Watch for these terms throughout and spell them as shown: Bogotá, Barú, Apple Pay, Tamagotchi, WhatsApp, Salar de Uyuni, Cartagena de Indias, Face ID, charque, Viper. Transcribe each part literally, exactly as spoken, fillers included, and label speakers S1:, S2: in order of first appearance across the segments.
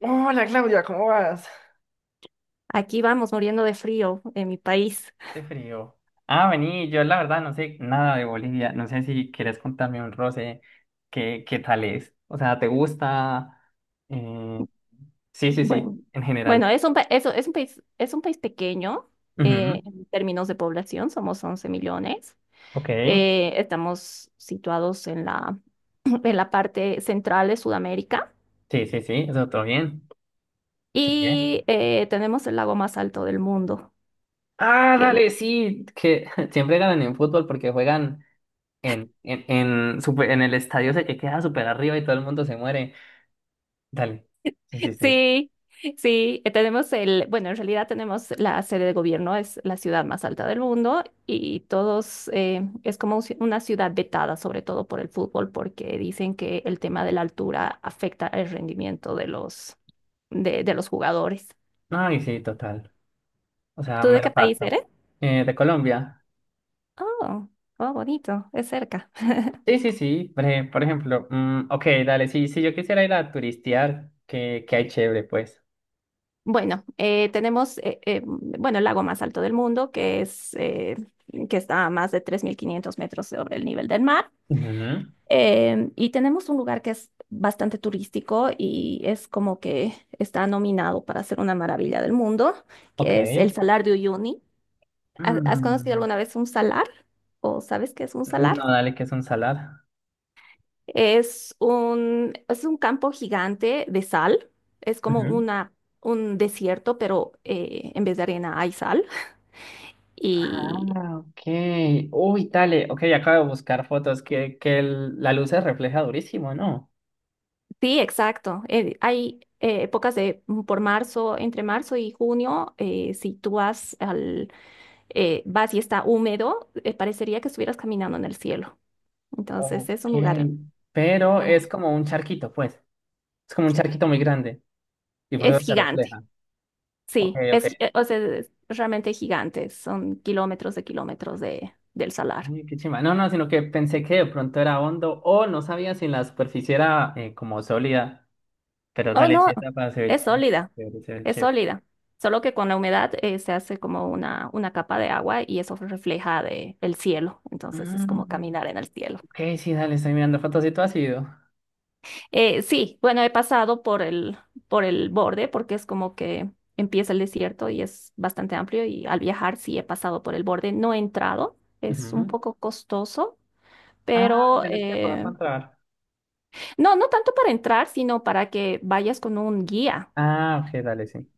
S1: Hola Claudia, ¿cómo vas?
S2: Aquí vamos muriendo de frío en mi país.
S1: Qué frío. Ah, vení, yo la verdad no sé nada de Bolivia. No sé si quieres contarme un roce. ¿Qué, qué tal es? O sea, ¿te gusta? Eh, sí, sí, sí,
S2: Bueno,
S1: en general.
S2: bueno, es un, pa- eso, es un país, es un país pequeño
S1: Ujú.
S2: eh, en términos de población, somos once millones.
S1: Ok.
S2: Eh, estamos situados en la, en la parte central de Sudamérica
S1: Sí, sí, sí, eso todo bien. Sigue.
S2: y eh, tenemos el lago más alto del mundo,
S1: Ah,
S2: que
S1: dale, sí, que siempre ganan en fútbol porque juegan en, en, en, super- en el estadio ese que queda súper arriba y todo el mundo se muere. Dale. Sí, sí, sí.
S2: sí, sí, eh, tenemos el, bueno, en realidad tenemos la sede de gobierno, es la ciudad más alta del mundo y todos, eh, es como un ci- una ciudad vetada, sobre todo por el fútbol, porque dicen que el tema de la altura afecta el rendimiento de los, de, de los jugadores.
S1: Ay, sí, total. O sea,
S2: ¿Tú de qué
S1: mero
S2: país
S1: facto.
S2: eres?
S1: Eh, de Colombia.
S2: Oh, oh, bonito, es cerca.
S1: Sí, sí, sí. Por ej- por ejemplo, mm, ok, dale, sí, sí, yo quisiera ir a turistear, que, que hay chévere, pues.
S2: Bueno, eh, tenemos, eh, eh, bueno, el lago más alto del mundo, que es, eh, que está a más de tres mil quinientos metros sobre el nivel del mar.
S1: Ujú.
S2: Em, y tenemos un lugar que es bastante turístico y es como que está nominado para ser una maravilla del mundo,
S1: Ok.
S2: que es el Salar de Uyuni. ¿Ha- ¿Has conocido
S1: Mm,
S2: alguna vez un salar? ¿O sabes qué es un salar?
S1: no, dale, que es un salar.
S2: Es un, es un campo gigante de sal. Es como
S1: Ujú.
S2: una, un desierto, pero eh, en vez de arena hay sal.
S1: Ah,
S2: Y
S1: ok. Uy, dale, ok, acabo de buscar fotos que, que el- la luz se refleja durísimo, ¿no?
S2: sí, exacto. eh, hay eh, épocas de, por marzo, entre marzo y junio, eh, si tú vas al eh, vas y está húmedo, eh, parecería que estuvieras caminando en el cielo. Entonces es
S1: Ok.
S2: un lugar
S1: Pero es
S2: hermoso.
S1: como un charquito, pues. Es como un charquito muy grande y por
S2: Es
S1: eso se
S2: gigante,
S1: refleja. Ok,
S2: sí,
S1: ok.
S2: es, gi- eh, o sea, es realmente gigante. Son kilómetros de kilómetros de, del salar.
S1: Uy, qué chimba. No, no, sino que pensé que de pronto era hondo o no sabía si la superficie era eh, como sólida. Pero
S2: Oh,
S1: dale, sí
S2: no,
S1: está para ser
S2: es sólida,
S1: chévere, se ve
S2: es
S1: chévere.
S2: sólida. Solo que con la humedad eh, se hace como una, una capa de agua y eso refleja de, el cielo. Entonces es como
S1: Mm,
S2: caminar en el cielo.
S1: ok, sí, dale, estoy mirando fotos y todo ha sido.
S2: Eh, sí, bueno, he pasado por el, por el borde porque es como que empieza el desierto y es bastante amplio y al viajar sí he pasado por el borde, no he entrado, es un
S1: Ujú.
S2: poco costoso,
S1: Ah,
S2: pero
S1: tenés que pagar
S2: eh,
S1: para entrar.
S2: no, no tanto para entrar, sino para que vayas con un guía,
S1: Ah, ok, dale, sí.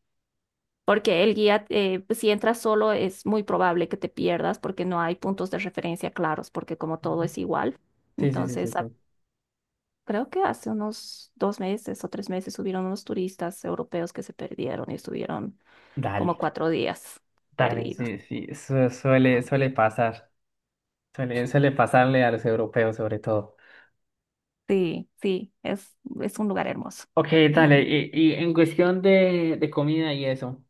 S2: porque el guía, eh, si entras solo es muy probable que te pierdas porque no hay puntos de referencia claros, porque como todo
S1: Ujú.
S2: es igual,
S1: Sí, sí, sí, sí,
S2: entonces
S1: sí.
S2: creo que hace unos dos meses o tres meses subieron unos turistas europeos que se perdieron y estuvieron como
S1: Dale,
S2: cuatro días
S1: dale,
S2: perdidos.
S1: sí, sí. su- suele, suele pasar. Suele, suele pasarle a los europeos sobre todo.
S2: Sí, sí, es, es un lugar hermoso
S1: Ok,
S2: y
S1: dale.
S2: muy...
S1: Y, y en cuestión de, de comida y eso.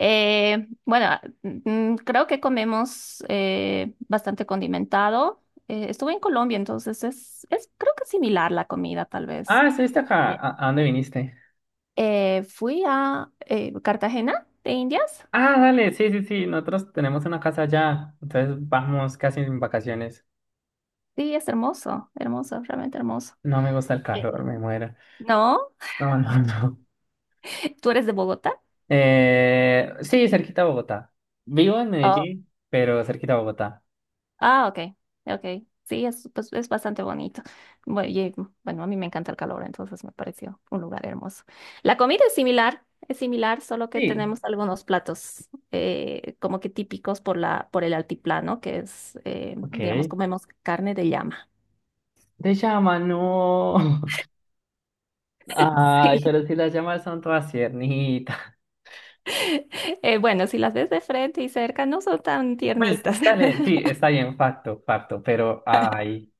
S2: Eh, bueno, ah, mm, creo que comemos eh, bastante condimentado. Eh, estuve en Colombia, entonces es, es creo que similar la comida, tal vez.
S1: Ah, estuviste acá.
S2: Sí.
S1: ¿A, a dónde viniste?
S2: Eh, fui a eh, Cartagena de Indias.
S1: Ah, dale, sí, sí, sí, nosotros tenemos una casa allá, entonces vamos casi en vacaciones.
S2: Sí, es hermoso, hermoso, realmente hermoso.
S1: No me gusta el
S2: Eh,
S1: calor, me muero.
S2: ¿No?
S1: No, no, no.
S2: ¿Tú eres de Bogotá?
S1: Eh, sí, cerquita a Bogotá. Vivo en
S2: Oh,
S1: Medellín, pero cerquita a Bogotá.
S2: ah, ok, ok. Sí, es, pues, es bastante bonito. Bueno, y, bueno, a mí me encanta el calor, entonces me pareció un lugar hermoso. La comida es similar, es similar, solo que
S1: Sí,
S2: tenemos algunos platos eh, como que típicos por la, por el altiplano, que es, eh,
S1: ok.
S2: digamos, comemos carne de llama.
S1: De llama, no. Ay, pero si las llamas son todas tiernitas.
S2: Sí. Eh, bueno, si las ves de frente y cerca, no son tan
S1: Pues,
S2: tiernitas.
S1: dale, sí, está bien, facto, facto, pero, ay.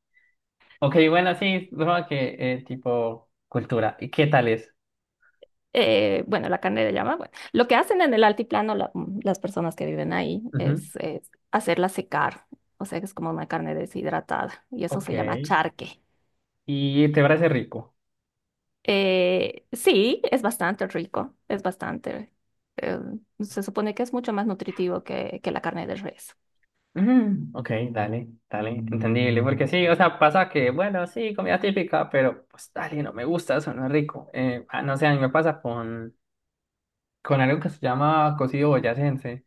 S1: Ok, bueno, sí, supongo que eh, tipo cultura. ¿Y qué tal es?
S2: eh, Bueno, la carne de llama, bueno, lo que hacen en el altiplano la- mm, las personas que viven ahí
S1: Ujú.
S2: es, es hacerla secar, o sea, que es como una carne deshidratada y eso
S1: Ok.
S2: se llama charque.
S1: Y te parece rico.
S2: Eh, sí, es bastante rico, es bastante, eh, se supone que es mucho más nutritivo que, que la carne de res.
S1: Ujú, ok, dale, dale, entendible. Porque sí, o sea, pasa que, bueno, sí, comida típica, pero pues dale, no me gusta, eso no es rico. Eh, ah, no sé, a mí me pasa con, con algo que se llama cocido boyacense.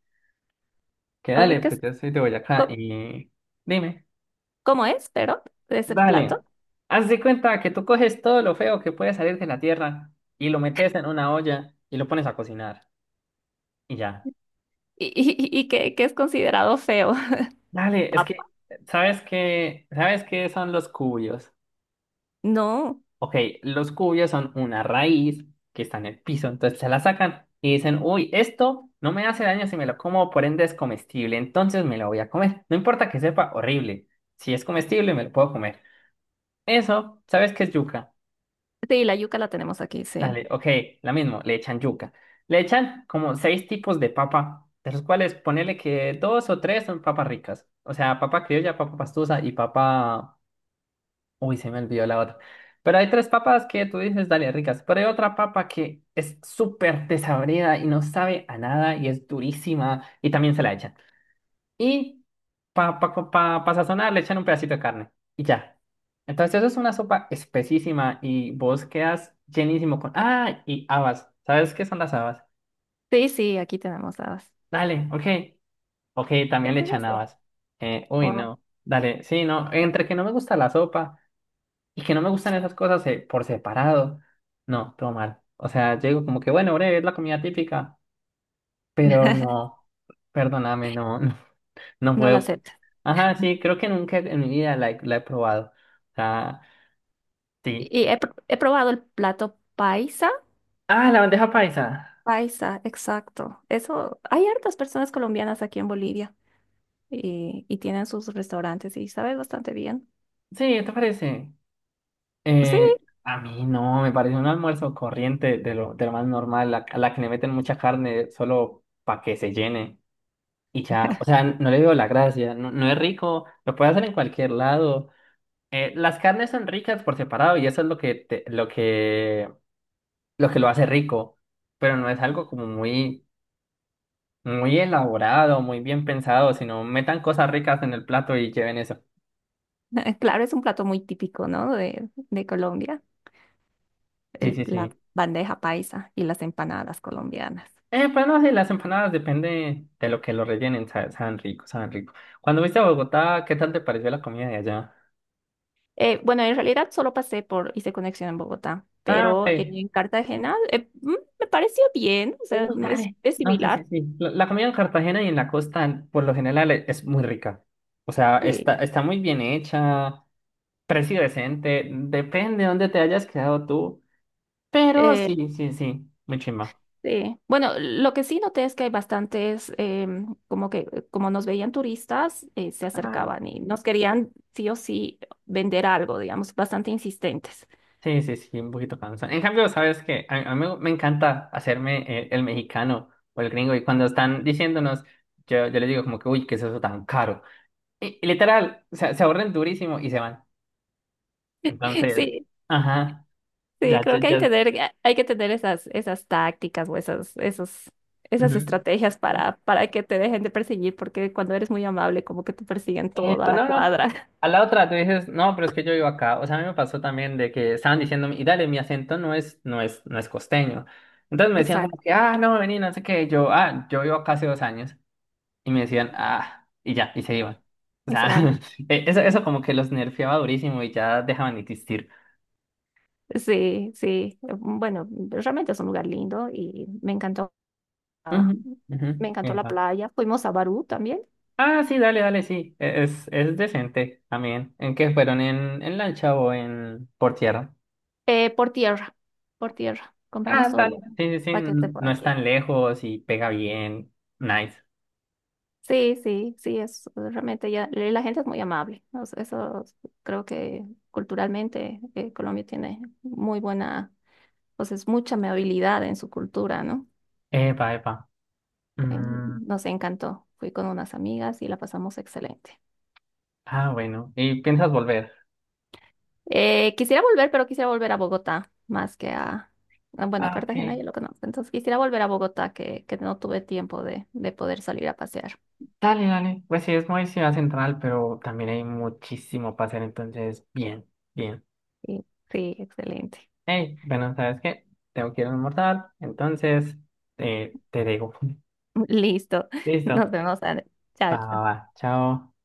S1: Que
S2: Ay,
S1: dale,
S2: ¿qué
S1: pues
S2: es?
S1: yo soy de Boyacá
S2: ¿Cómo,
S1: y dime,
S2: cómo es, pero, ese
S1: dale,
S2: plato?
S1: haz de cuenta que tú coges todo lo feo que puede salir de la tierra y lo metes en una olla y lo pones a cocinar y ya.
S2: Y, y, y que, que es considerado feo.
S1: Dale, es
S2: Papa.
S1: que, ¿sabes qué? ¿Sabes qué son los cubios?
S2: No,
S1: Ok, los cubios son una raíz que está en el piso, entonces se la sacan y dicen, uy, esto no me hace daño si me lo como, por ende es comestible, entonces me lo voy a comer. No importa que sepa horrible, si es comestible me lo puedo comer. Eso, ¿sabes qué es yuca?
S2: sí, la yuca la tenemos aquí, sí.
S1: Dale, ok, la mismo, le echan yuca. Le echan como seis tipos de papa, de los cuales ponele que dos o tres son papas ricas, o sea, papa criolla, papa pastusa y papa... Uy, se me olvidó la otra. Pero hay tres papas que tú dices, dale, ricas. Pero hay otra papa que es súper desabrida y no sabe a nada y es durísima y también se la echan. Y para pa, pa, pa- pa sazonar le echan un pedacito de carne y ya. Entonces eso es una sopa espesísima y vos quedas llenísimo con... Ah, y habas. ¿Sabes qué son las habas?
S2: Sí, sí, aquí tenemos
S1: Dale, ok. Ok, también le echan
S2: las.
S1: habas. Eh, uy,
S2: Oh,
S1: no. Dale, sí, no. Entre que no me gusta la sopa y que no me gustan esas cosas eh, por separado, no, todo mal. O sea, yo digo como que, bueno, breve, es la comida típica, pero no, perdóname, no, no, no
S2: no la
S1: puedo.
S2: acepta.
S1: Ajá, sí, creo que nunca en mi vida la he, la he probado. O sea, sí.
S2: Y he, pr- he probado el plato paisa.
S1: Ah, la bandeja paisa.
S2: Paisa, exacto. Eso, hay hartas personas colombianas aquí en Bolivia y, y tienen sus restaurantes y sabe bastante bien.
S1: Sí, ¿te parece?
S2: Sí,
S1: Eh, a mí no, me parece un almuerzo corriente de lo, de lo más normal, la- a la que le meten mucha carne solo para que se llene. Y ya, o sea, no le veo la gracia, no, no es rico, lo puedes hacer en cualquier lado. Eh, las carnes son ricas por separado y eso es lo que te- lo que lo que lo hace rico, pero no es algo como muy muy elaborado, muy bien pensado, sino metan cosas ricas en el plato y lleven eso.
S2: claro, es un plato muy típico, ¿no? De, de Colombia,
S1: Sí,
S2: el-
S1: sí,
S2: la
S1: sí.
S2: bandeja paisa y las empanadas colombianas.
S1: Eh, pues no, sí, las empanadas depende de lo que lo rellenen, sa- saben rico, saben rico. Cuando viste a Bogotá, ¿qué tal te pareció la comida de allá?
S2: Eh, bueno, en realidad solo pasé por, hice conexión en Bogotá,
S1: Ah, ok.
S2: pero en Cartagena eh, mm, me pareció bien, o sea,
S1: Uy,
S2: es,
S1: dale.
S2: es
S1: No, sí, sí,
S2: similar.
S1: sí. La, la comida en Cartagena y en la costa, por lo general, e- es muy rica. O sea,
S2: Sí.
S1: está, está muy bien hecha. Precio decente, depende de dónde te hayas quedado tú, pero
S2: Eh,
S1: sí, sí, sí, muy chimba.
S2: Sí. Bueno, lo que sí noté es que hay bastantes, em, como que eh, como nos veían turistas, eh, se
S1: Ah,
S2: acercaban y nos querían sí o sí vender algo, digamos, bastante insistentes.
S1: sí, sí, sí, un poquito cansado. En cambio, sabes que a, a mí me encanta hacerme eh, el, mexicano o el gringo y cuando están diciéndonos, yo, yo les digo como que, uy, ¿qué es eso tan caro? Y, y literal, se, se ahorren durísimo y se van. Entonces,
S2: Sí,
S1: ajá,
S2: sí,
S1: ya,
S2: creo
S1: ya,
S2: que hay,
S1: ya.
S2: tener, hay que tener esas, esas tácticas o esas, esos, esas estrategias
S1: Ujú.
S2: para, para que te dejen de perseguir, porque cuando eres muy amable, como que te persiguen toda
S1: Epa,
S2: la
S1: no, no.
S2: cuadra.
S1: A la otra tú dices, no, pero es que yo vivo acá. O sea, a mí me pasó también de que estaban diciéndome, y dale, mi acento no es, no es, no es costeño. Entonces me decían como
S2: Exacto,
S1: que, ah, no, vení, no sé qué. Y yo, ah, yo vivo acá hace dos años. Y me decían, ah, y ya, y se iban. O
S2: y se
S1: sea,
S2: van.
S1: eh, eso, eso como que los nerfeaba durísimo y ya dejaban de existir.
S2: Sí, sí. em, Bueno, realmente es un lugar lindo y me encantó.
S1: Ujú,
S2: Ah,
S1: ujú,
S2: me encantó la
S1: epa.
S2: playa. Fuimos a Barú también.
S1: Ah, sí, dale, dale, sí. E- Es, es decente también. ¿En qué fueron? ¿En, en lancha o en por tierra?
S2: Eh, por tierra, por tierra.
S1: Ah,
S2: Compramos todo
S1: dale.
S2: lo
S1: Sí, sí, sí,
S2: paquete
S1: n-
S2: por
S1: no es
S2: aquí.
S1: tan lejos y pega bien. Nice.
S2: Sí, sí, sí, es realmente ya, la gente es muy amable. O sea, eso, es- creo que culturalmente eh, Colombia tiene muy buena, pues es mucha amabilidad en su cultura, ¿no?
S1: Epa, epa.
S2: Eh,
S1: Mm,
S2: nos encantó. Fui con unas amigas y la pasamos excelente.
S1: ah, bueno. ¿Y piensas volver?
S2: Eh, quisiera volver, pero quisiera volver a Bogotá más que a, a, bueno,
S1: Ah,
S2: Cartagena
S1: ok.
S2: ya lo conozco. Entonces quisiera volver a Bogotá que, que no tuve tiempo de, de poder salir a pasear.
S1: Dale, dale. Pues sí, es muy ciudad central, pero también hay muchísimo para hacer, entonces, bien, bien.
S2: Sí, sí, excelente.
S1: Hey, bueno, ¿sabes qué? Tengo que ir a almorzar, entonces, eh, te digo.
S2: Listo.
S1: Listo.
S2: Nos vemos, Ana.
S1: Va,
S2: Chao,
S1: va,
S2: chao.
S1: va. Chao.